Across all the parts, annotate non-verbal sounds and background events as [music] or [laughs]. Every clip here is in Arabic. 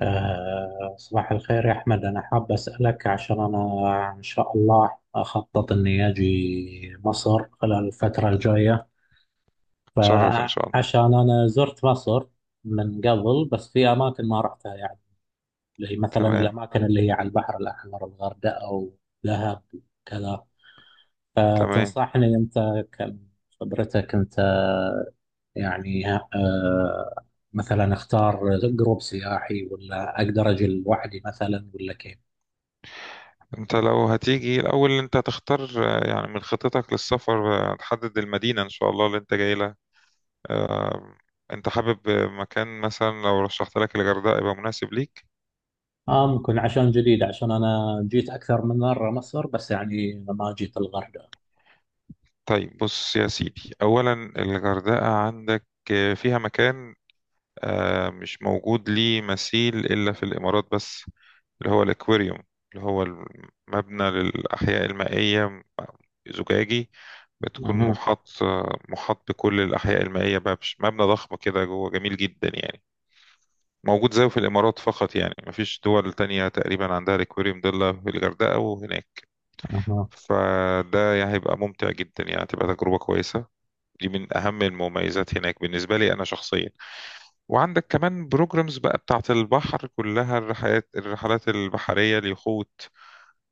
صباح الخير يا أحمد. أنا حاب أسألك عشان أنا إن شاء الله أخطط إني أجي مصر خلال الفترة الجاية. تشرف ان شاء الله. فعشان أنا زرت مصر من قبل بس في أماكن ما رحتها يعني، زي مثلا تمام، الأماكن اللي هي على البحر الأحمر، الغردقة ودهب وكذا. تمام. فتنصحني أنت كم خبرتك أنت يعني، مثلا أختار جروب سياحي ولا أقدر أجي لوحدي مثلا ولا كيف؟ انت لو هتيجي الاول، انت هتختار يعني من خطتك للسفر. تحدد المدينة ان شاء الله اللي انت جاي لها. آه، انت حابب مكان، مثلا لو رشحت لك الغردقة يبقى مناسب ليك. آه ممكن، عشان جديد، عشان أنا جيت أكثر من مرة مصر بس يعني ما جيت الغردقة. طيب بص يا سيدي، اولا الغردقة عندك فيها مكان مش موجود ليه مثيل إلا في الإمارات بس، اللي هو الأكواريوم، اللي هو المبنى للأحياء المائية، زجاجي. بتكون أها. محاط، بكل الأحياء المائية، بقى مش مبنى ضخم كده، جوه جميل جدا يعني. موجود زيه في الإمارات فقط، يعني مفيش دول تانية تقريبا عندها الأكواريوم ده إلا في الغردقة وهناك. أها. فده يعني هيبقى ممتع جدا، يعني تبقى تجربة كويسة. دي من أهم المميزات هناك بالنسبة لي أنا شخصيا. وعندك كمان بروجرامز بقى بتاعة البحر كلها، الرحلات البحرية، اليخوت.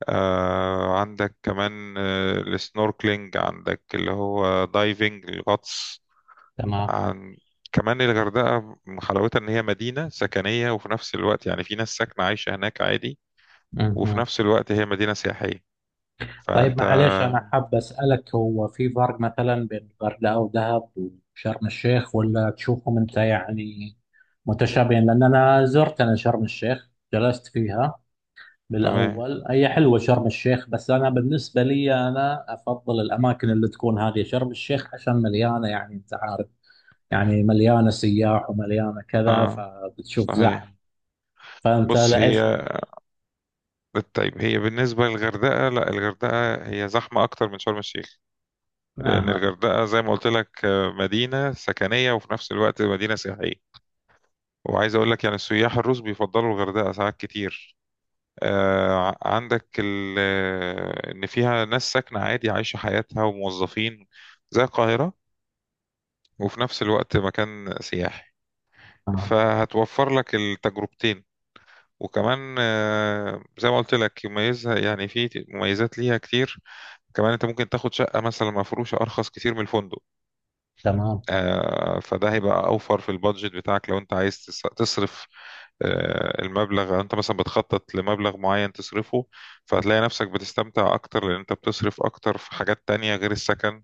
عندك كمان السنوركلينج، عندك اللي هو دايفنج، الغطس. تمام. عن كمان الغردقة، حلاوتها إن هي مدينة سكنية، وفي نفس الوقت يعني في ناس ساكنة عايشة هناك عادي، وفي أها. نفس الوقت هي مدينة سياحية. طيب فأنت... معليش، أنا حاب أسألك، هو في فرق مثلا بين الغردقة ودهب وشرم الشيخ، ولا تشوفهم أنت يعني متشابهين؟ لأن أنا زرت، أنا شرم الشيخ جلست فيها تمام. بالأول. هي حلوة شرم الشيخ، بس أنا بالنسبة لي أنا أفضل الأماكن اللي تكون هذه شرم الشيخ، عشان مليانة يعني، أنت عارف، يعني مليانة سياح ومليانة كذا اه، فبتشوف زحمة. صحيح. فأنت بص هي، لإيش اللي. طيب، هي بالنسبة للغردقة، لا، الغردقة هي زحمة أكتر من شرم الشيخ. لأن أها. الغردقة زي ما قلت لك، مدينة سكنية وفي نفس الوقت مدينة سياحية. وعايز أقول لك يعني السياح الروس بيفضلوا الغردقة ساعات كتير. آه، ع- عندك ال- آه، إن فيها ناس ساكنة عادي عايشة حياتها، وموظفين زي القاهرة، وفي نفس الوقت مكان سياحي. آه. فهتوفر لك التجربتين. وكمان زي ما قلت لك، يميزها يعني في مميزات ليها كتير. كمان انت ممكن تاخد شقة مثلا مفروشة أرخص كتير من الفندق. تمام. فده هيبقى اوفر في البادجت بتاعك لو انت عايز تصرف المبلغ. انت مثلا بتخطط لمبلغ معين تصرفه. فهتلاقي نفسك بتستمتع اكتر، لان انت بتصرف اكتر في حاجات تانية غير السكن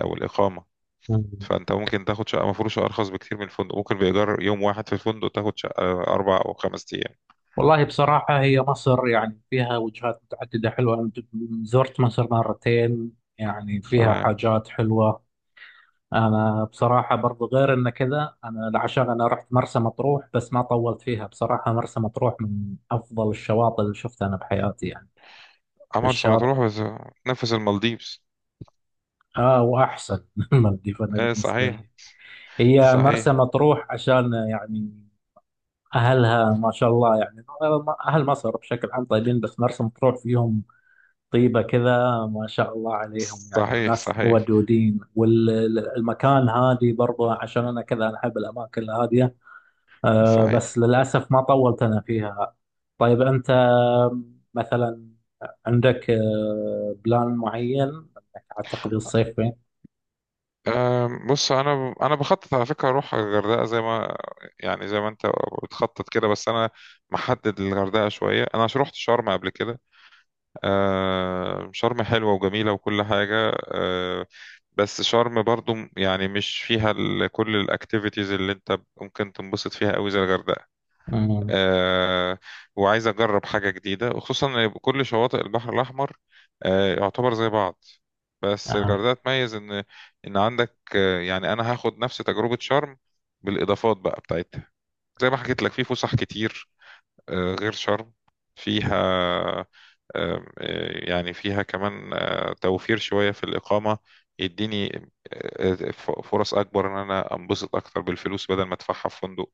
او الاقامة. مم. فانت ممكن تاخد شقة مفروشة ارخص بكتير من الفندق. ممكن بايجار يوم واحد في الفندق تاخد شقة 4 أو 5 أيام. والله بصراحة هي مصر يعني فيها وجهات متعددة حلوة. أنا زرت مصر مرتين، يعني فيها تمام. حاجات حلوة. أنا بصراحة برضو غير إن كذا، أنا عشان أنا رحت مرسى مطروح بس ما طولت فيها. بصراحة مرسى مطروح من أفضل الشواطئ اللي شفتها أنا بحياتي يعني. مرسى الشاطئ، مطروح بس. نفس المالديفز. آه، وأحسن [laughs] من المالديف أنا ايه، بالنسبة صحيح. لي. هي مرسى صحيح. مطروح عشان يعني أهلها ما شاء الله يعني. أهل مصر بشكل عام طيبين بس مرسى مطروح فيهم طيبة كذا، ما شاء الله عليهم، يعني صحيح. ناس صحيح. ودودين، والمكان هادي برضه، عشان أنا كذا، أنا أحب الأماكن الهادية. أه صحيح. بس للأسف ما طولت أنا فيها. طيب أنت مثلا عندك بلان معين إنك هتقضي الصيف فين؟ بص انا انا بخطط على فكره اروح الغردقه زي ما، يعني زي ما انت بتخطط كده، بس انا محدد الغردقه شويه، انا عشان رحت شرم قبل كده. شرم حلوه وجميله وكل حاجه. بس شرم برضو يعني مش فيها كل الاكتيفيتيز اللي انت ممكن تنبسط فيها قوي زي الغردقه. أمم. آه، وعايز أجرب حاجة جديدة، وخصوصا إن كل شواطئ البحر الأحمر يعتبر زي بعض. بس آه. الغردقة تميز إن... إن عندك يعني أنا هاخد نفس تجربة شرم بالإضافات بقى بتاعتها، زي ما حكيت لك في فسح كتير غير شرم. فيها يعني فيها كمان توفير شوية في الإقامة. يديني فرص أكبر إن أنا أنبسط أكتر بالفلوس بدل ما أدفعها في فندق،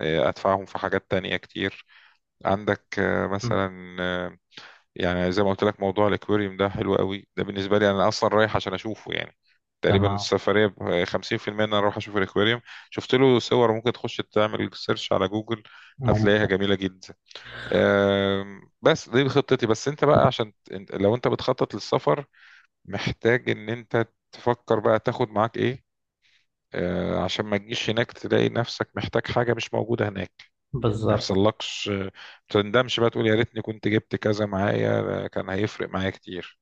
أدفعهم في حاجات تانية كتير. عندك أمم. مثلا يعني زي ما قلت لك، موضوع الاكواريوم ده حلو قوي. ده بالنسبه لي انا اصلا رايح عشان اشوفه يعني. تقريبا تمام. السفريه ب 50% ان انا اروح اشوف الاكواريوم. شفت له صور، ممكن تخش تعمل سيرش على جوجل هتلاقيها ممكن. جميله جدا. بس دي خطتي، بس انت بقى عشان لو انت بتخطط للسفر، محتاج ان انت تفكر بقى تاخد معاك ايه، عشان ما تجيش هناك تلاقي نفسك محتاج حاجه مش موجوده هناك. ما بالضبط. يحصلكش، ما تندمش بقى تقول يا ريتني كنت جبت كذا معايا، ده كان هيفرق معايا كتير.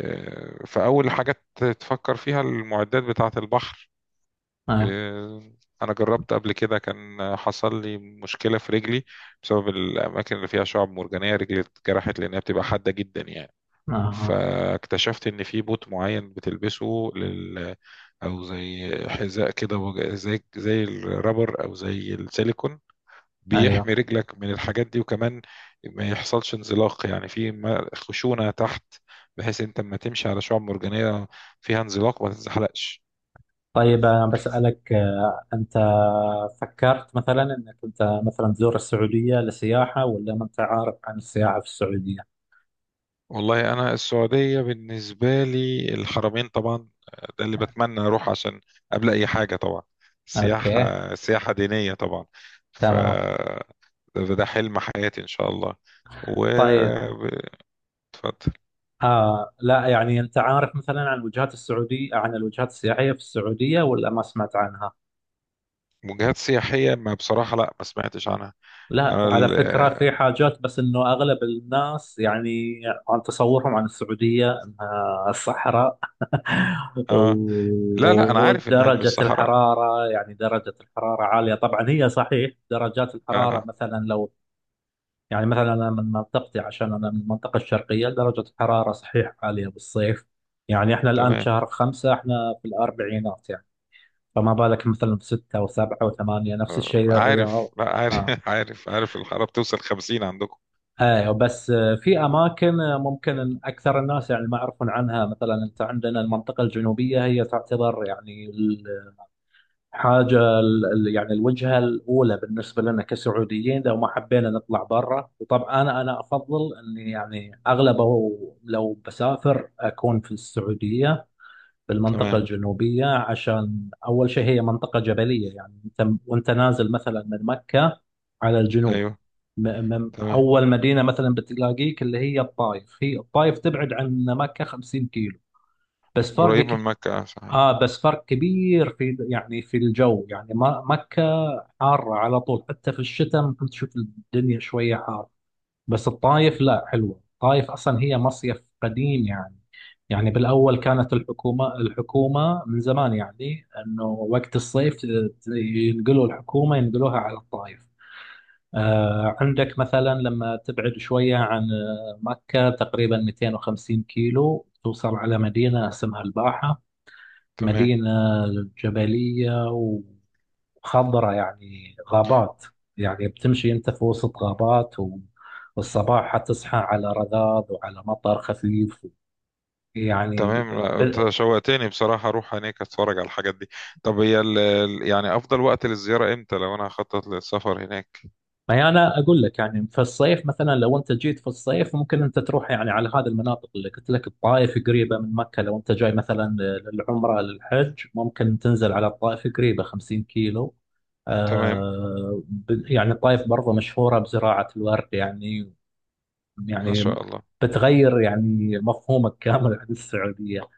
فأول حاجة تفكر فيها المعدات بتاعة البحر. آه. آه، أنا جربت قبل كده، كان حصل لي مشكلة في رجلي بسبب الأماكن اللي فيها شعب مرجانية. رجلي اتجرحت لأنها بتبقى حادة جدا يعني. آه. فاكتشفت إن في بوت معين بتلبسه لل... أو زي حذاء كده، زي الرابر أو زي السيليكون، ايوه. بيحمي رجلك من الحاجات دي. وكمان ما يحصلش انزلاق، يعني في خشونة تحت، بحيث انت لما تمشي على شعاب مرجانية فيها انزلاق ما تتزحلقش. طيب انا بسألك، انت فكرت مثلا انك انت مثلا تزور السعودية لسياحة، ولا ما انت عارف عن السياحة في السعودية؟ والله انا السعودية بالنسبة لي الحرمين طبعا. ده اللي بتمنى اروح عشان، قبل اي حاجة طبعا، اوكي. سياحة دينية طبعا. ف... تمام. ده حلم حياتي ان شاء الله. و... طيب. اتفضل. آه لا، يعني انت عارف مثلا عن الوجهات السعودية، عن الوجهات السياحية في السعودية، ولا ما سمعت عنها؟ وجهات سياحية، ما بصراحة لا ما سمعتش عنها. لا، انا على ال... فكرة في حاجات، بس انه اغلب الناس يعني عن تصورهم عن السعودية انها صحراء. [laughs] اه، لا لا انا عارف انها مش ودرجة صحراء. الحرارة، يعني درجة الحرارة عالية طبعا. هي صحيح درجات الحرارة اه. مثلا لو، يعني مثلا انا من منطقتي، عشان انا من المنطقة الشرقية، درجة الحرارة صحيح عالية بالصيف. يعني احنا الان تمام. شهر 5، احنا في الاربعينات يعني. فما بالك مثلا في 6 و7 و8، نفس الشيء عارف، الرياض. لا عارف آه. [laughs] عارف، عارف، الحرارة بتوصل 50 عندكم. ايوه بس. في اماكن ممكن اكثر الناس يعني ما يعرفون عنها. مثلا انت عندنا المنطقه الجنوبيه هي تعتبر يعني الحاجه يعني الوجهه الاولى بالنسبه لنا كسعوديين لو ما حبينا نطلع برا. وطبعا انا افضل اني يعني اغلبه لو بسافر اكون في السعوديه، في المنطقه تمام. الجنوبيه. عشان اول شيء هي منطقه جبليه، يعني انت وانت نازل مثلا من مكه على الجنوب، ايوه. تمام. أول مدينة مثلا بتلاقيك اللي هي الطائف. هي الطائف تبعد عن مكة 50 كيلو، بس فرق قريبة كب... من مكة، صحيح. آه بس فرق كبير في يعني في الجو. يعني ما مكة حارة على طول، حتى في الشتاء ممكن تشوف الدنيا شوية حارة. بس الطائف لا، حلوة الطائف، أصلا هي مصيف قديم يعني. يعني بالأول كانت الحكومة من زمان، يعني أنه وقت الصيف ينقلوا الحكومة، ينقلوها على الطائف. عندك مثلا لما تبعد شوية عن مكة تقريبا 250 كيلو توصل على مدينة اسمها الباحة. تمام. مدينة جبلية وخضرة، يعني غابات. يعني بتمشي أنت في وسط غابات، والصباح حتصحى على رذاذ وعلى مطر خفيف يعني. تمام. لا انت ب- شوقتني بصراحة اروح هناك اتفرج على الحاجات دي. طب هي ال... يعني افضل وقت للزيارة امتى لو انا هخطط للسفر هناك؟ ما هي انا اقول لك، يعني في الصيف مثلا لو انت جيت في الصيف ممكن انت تروح يعني على هذه المناطق اللي قلت لك. الطائف قريبه من مكه، لو انت جاي مثلا للعمره للحج ممكن تنزل على الطائف، قريبه 50 كيلو. تمام. يعني الطائف برضه مشهوره بزراعه الورد يعني. ما يعني شاء الله. بتغير يعني مفهومك كامل عن السعوديه.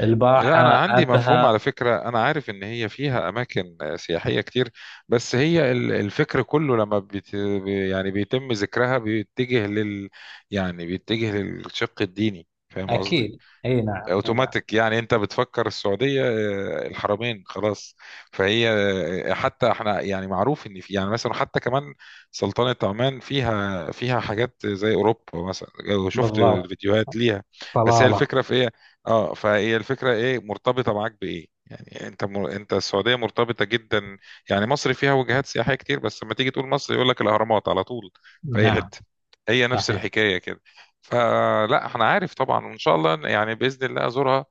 الباحه. لا أنا عندي مفهوم ابها. على فكرة، أنا عارف إن هي فيها أماكن سياحية كتير، بس هي الفكر كله لما بت... يعني بيتم ذكرها بيتجه لل... يعني بيتجه للشق الديني، فاهم قصدي؟ اكيد، اي نعم، اي نعم. اوتوماتيك يعني انت بتفكر السعوديه الحرمين خلاص. فهي حتى احنا يعني معروف ان في يعني مثلا حتى كمان سلطنه عمان فيها حاجات زي اوروبا، مثلا لو شفت بالضبط. الفيديوهات ليها. بس هي صلاله. الفكره في ايه. اه، فهي الفكره ايه مرتبطه معاك بايه، يعني انت مر... انت السعوديه مرتبطه جدا. يعني مصر فيها وجهات سياحيه كتير، بس لما تيجي تقول مصر يقول لك الاهرامات على طول في اي نعم. حته. هي نفس صحيح. الحكايه. فلا انا عارف طبعا، وان شاء الله يعني باذن الله ازورها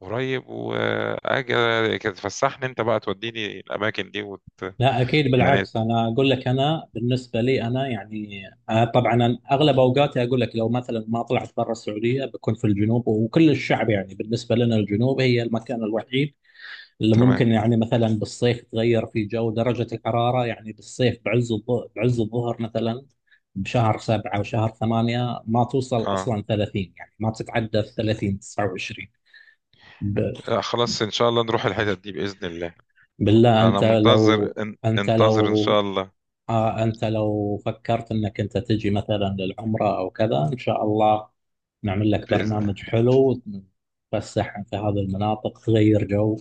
قريب، واجي كده تفسحني انت بقى، توديني الاماكن دي وت... لا اكيد، يعني بالعكس، انا اقول لك انا بالنسبه لي انا يعني، طبعا أنا اغلب اوقاتي اقول لك لو مثلا ما طلعت برا السعوديه بكون في الجنوب. وكل الشعب يعني بالنسبه لنا الجنوب هي المكان الوحيد اللي ممكن تمام. يعني مثلا بالصيف تغير في جو درجه الحراره، يعني بالصيف بعز الظهر مثلا بشهر سبعة وشهر ثمانية ما توصل اه، أصلا 30، يعني ما تتعدى 30، 29. ب... خلاص ان شاء الله نروح الحتت دي باذن الله. بالله انا أنت منتظر لو، ان... انت انتظر ان لو شاء الله. آه أنت لو فكرت أنك أنت تجي مثلا للعمرة أو كذا، إن شاء الله نعمل لك باذن الله. برنامج حلو، تفسح في هذه المناطق، تغير جو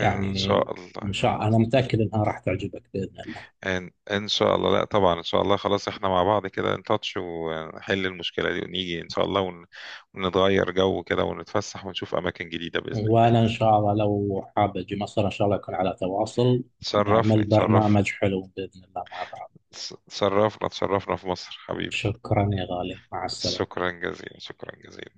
ان شاء الله. إن شاء، أنا متأكد أنها راح تعجبك بإذن الله. ان شاء الله. لا طبعا، ان شاء الله خلاص احنا مع بعض كده نتاتش ونحل المشكله دي ونيجي ان شاء الله ون... ونتغير جو كده ونتفسح ونشوف اماكن جديده باذن الله. وأنا إن شاء الله لو حاب أجي مصر إن شاء الله يكون على تواصل، نعمل تشرفني، تشرفني. برنامج حلو بإذن الله مع بعض. اتشرفنا، اتشرفنا في مصر حبيبي. شكرا يا غالي، مع السلامة. شكرا جزيلا، شكرا جزيلا.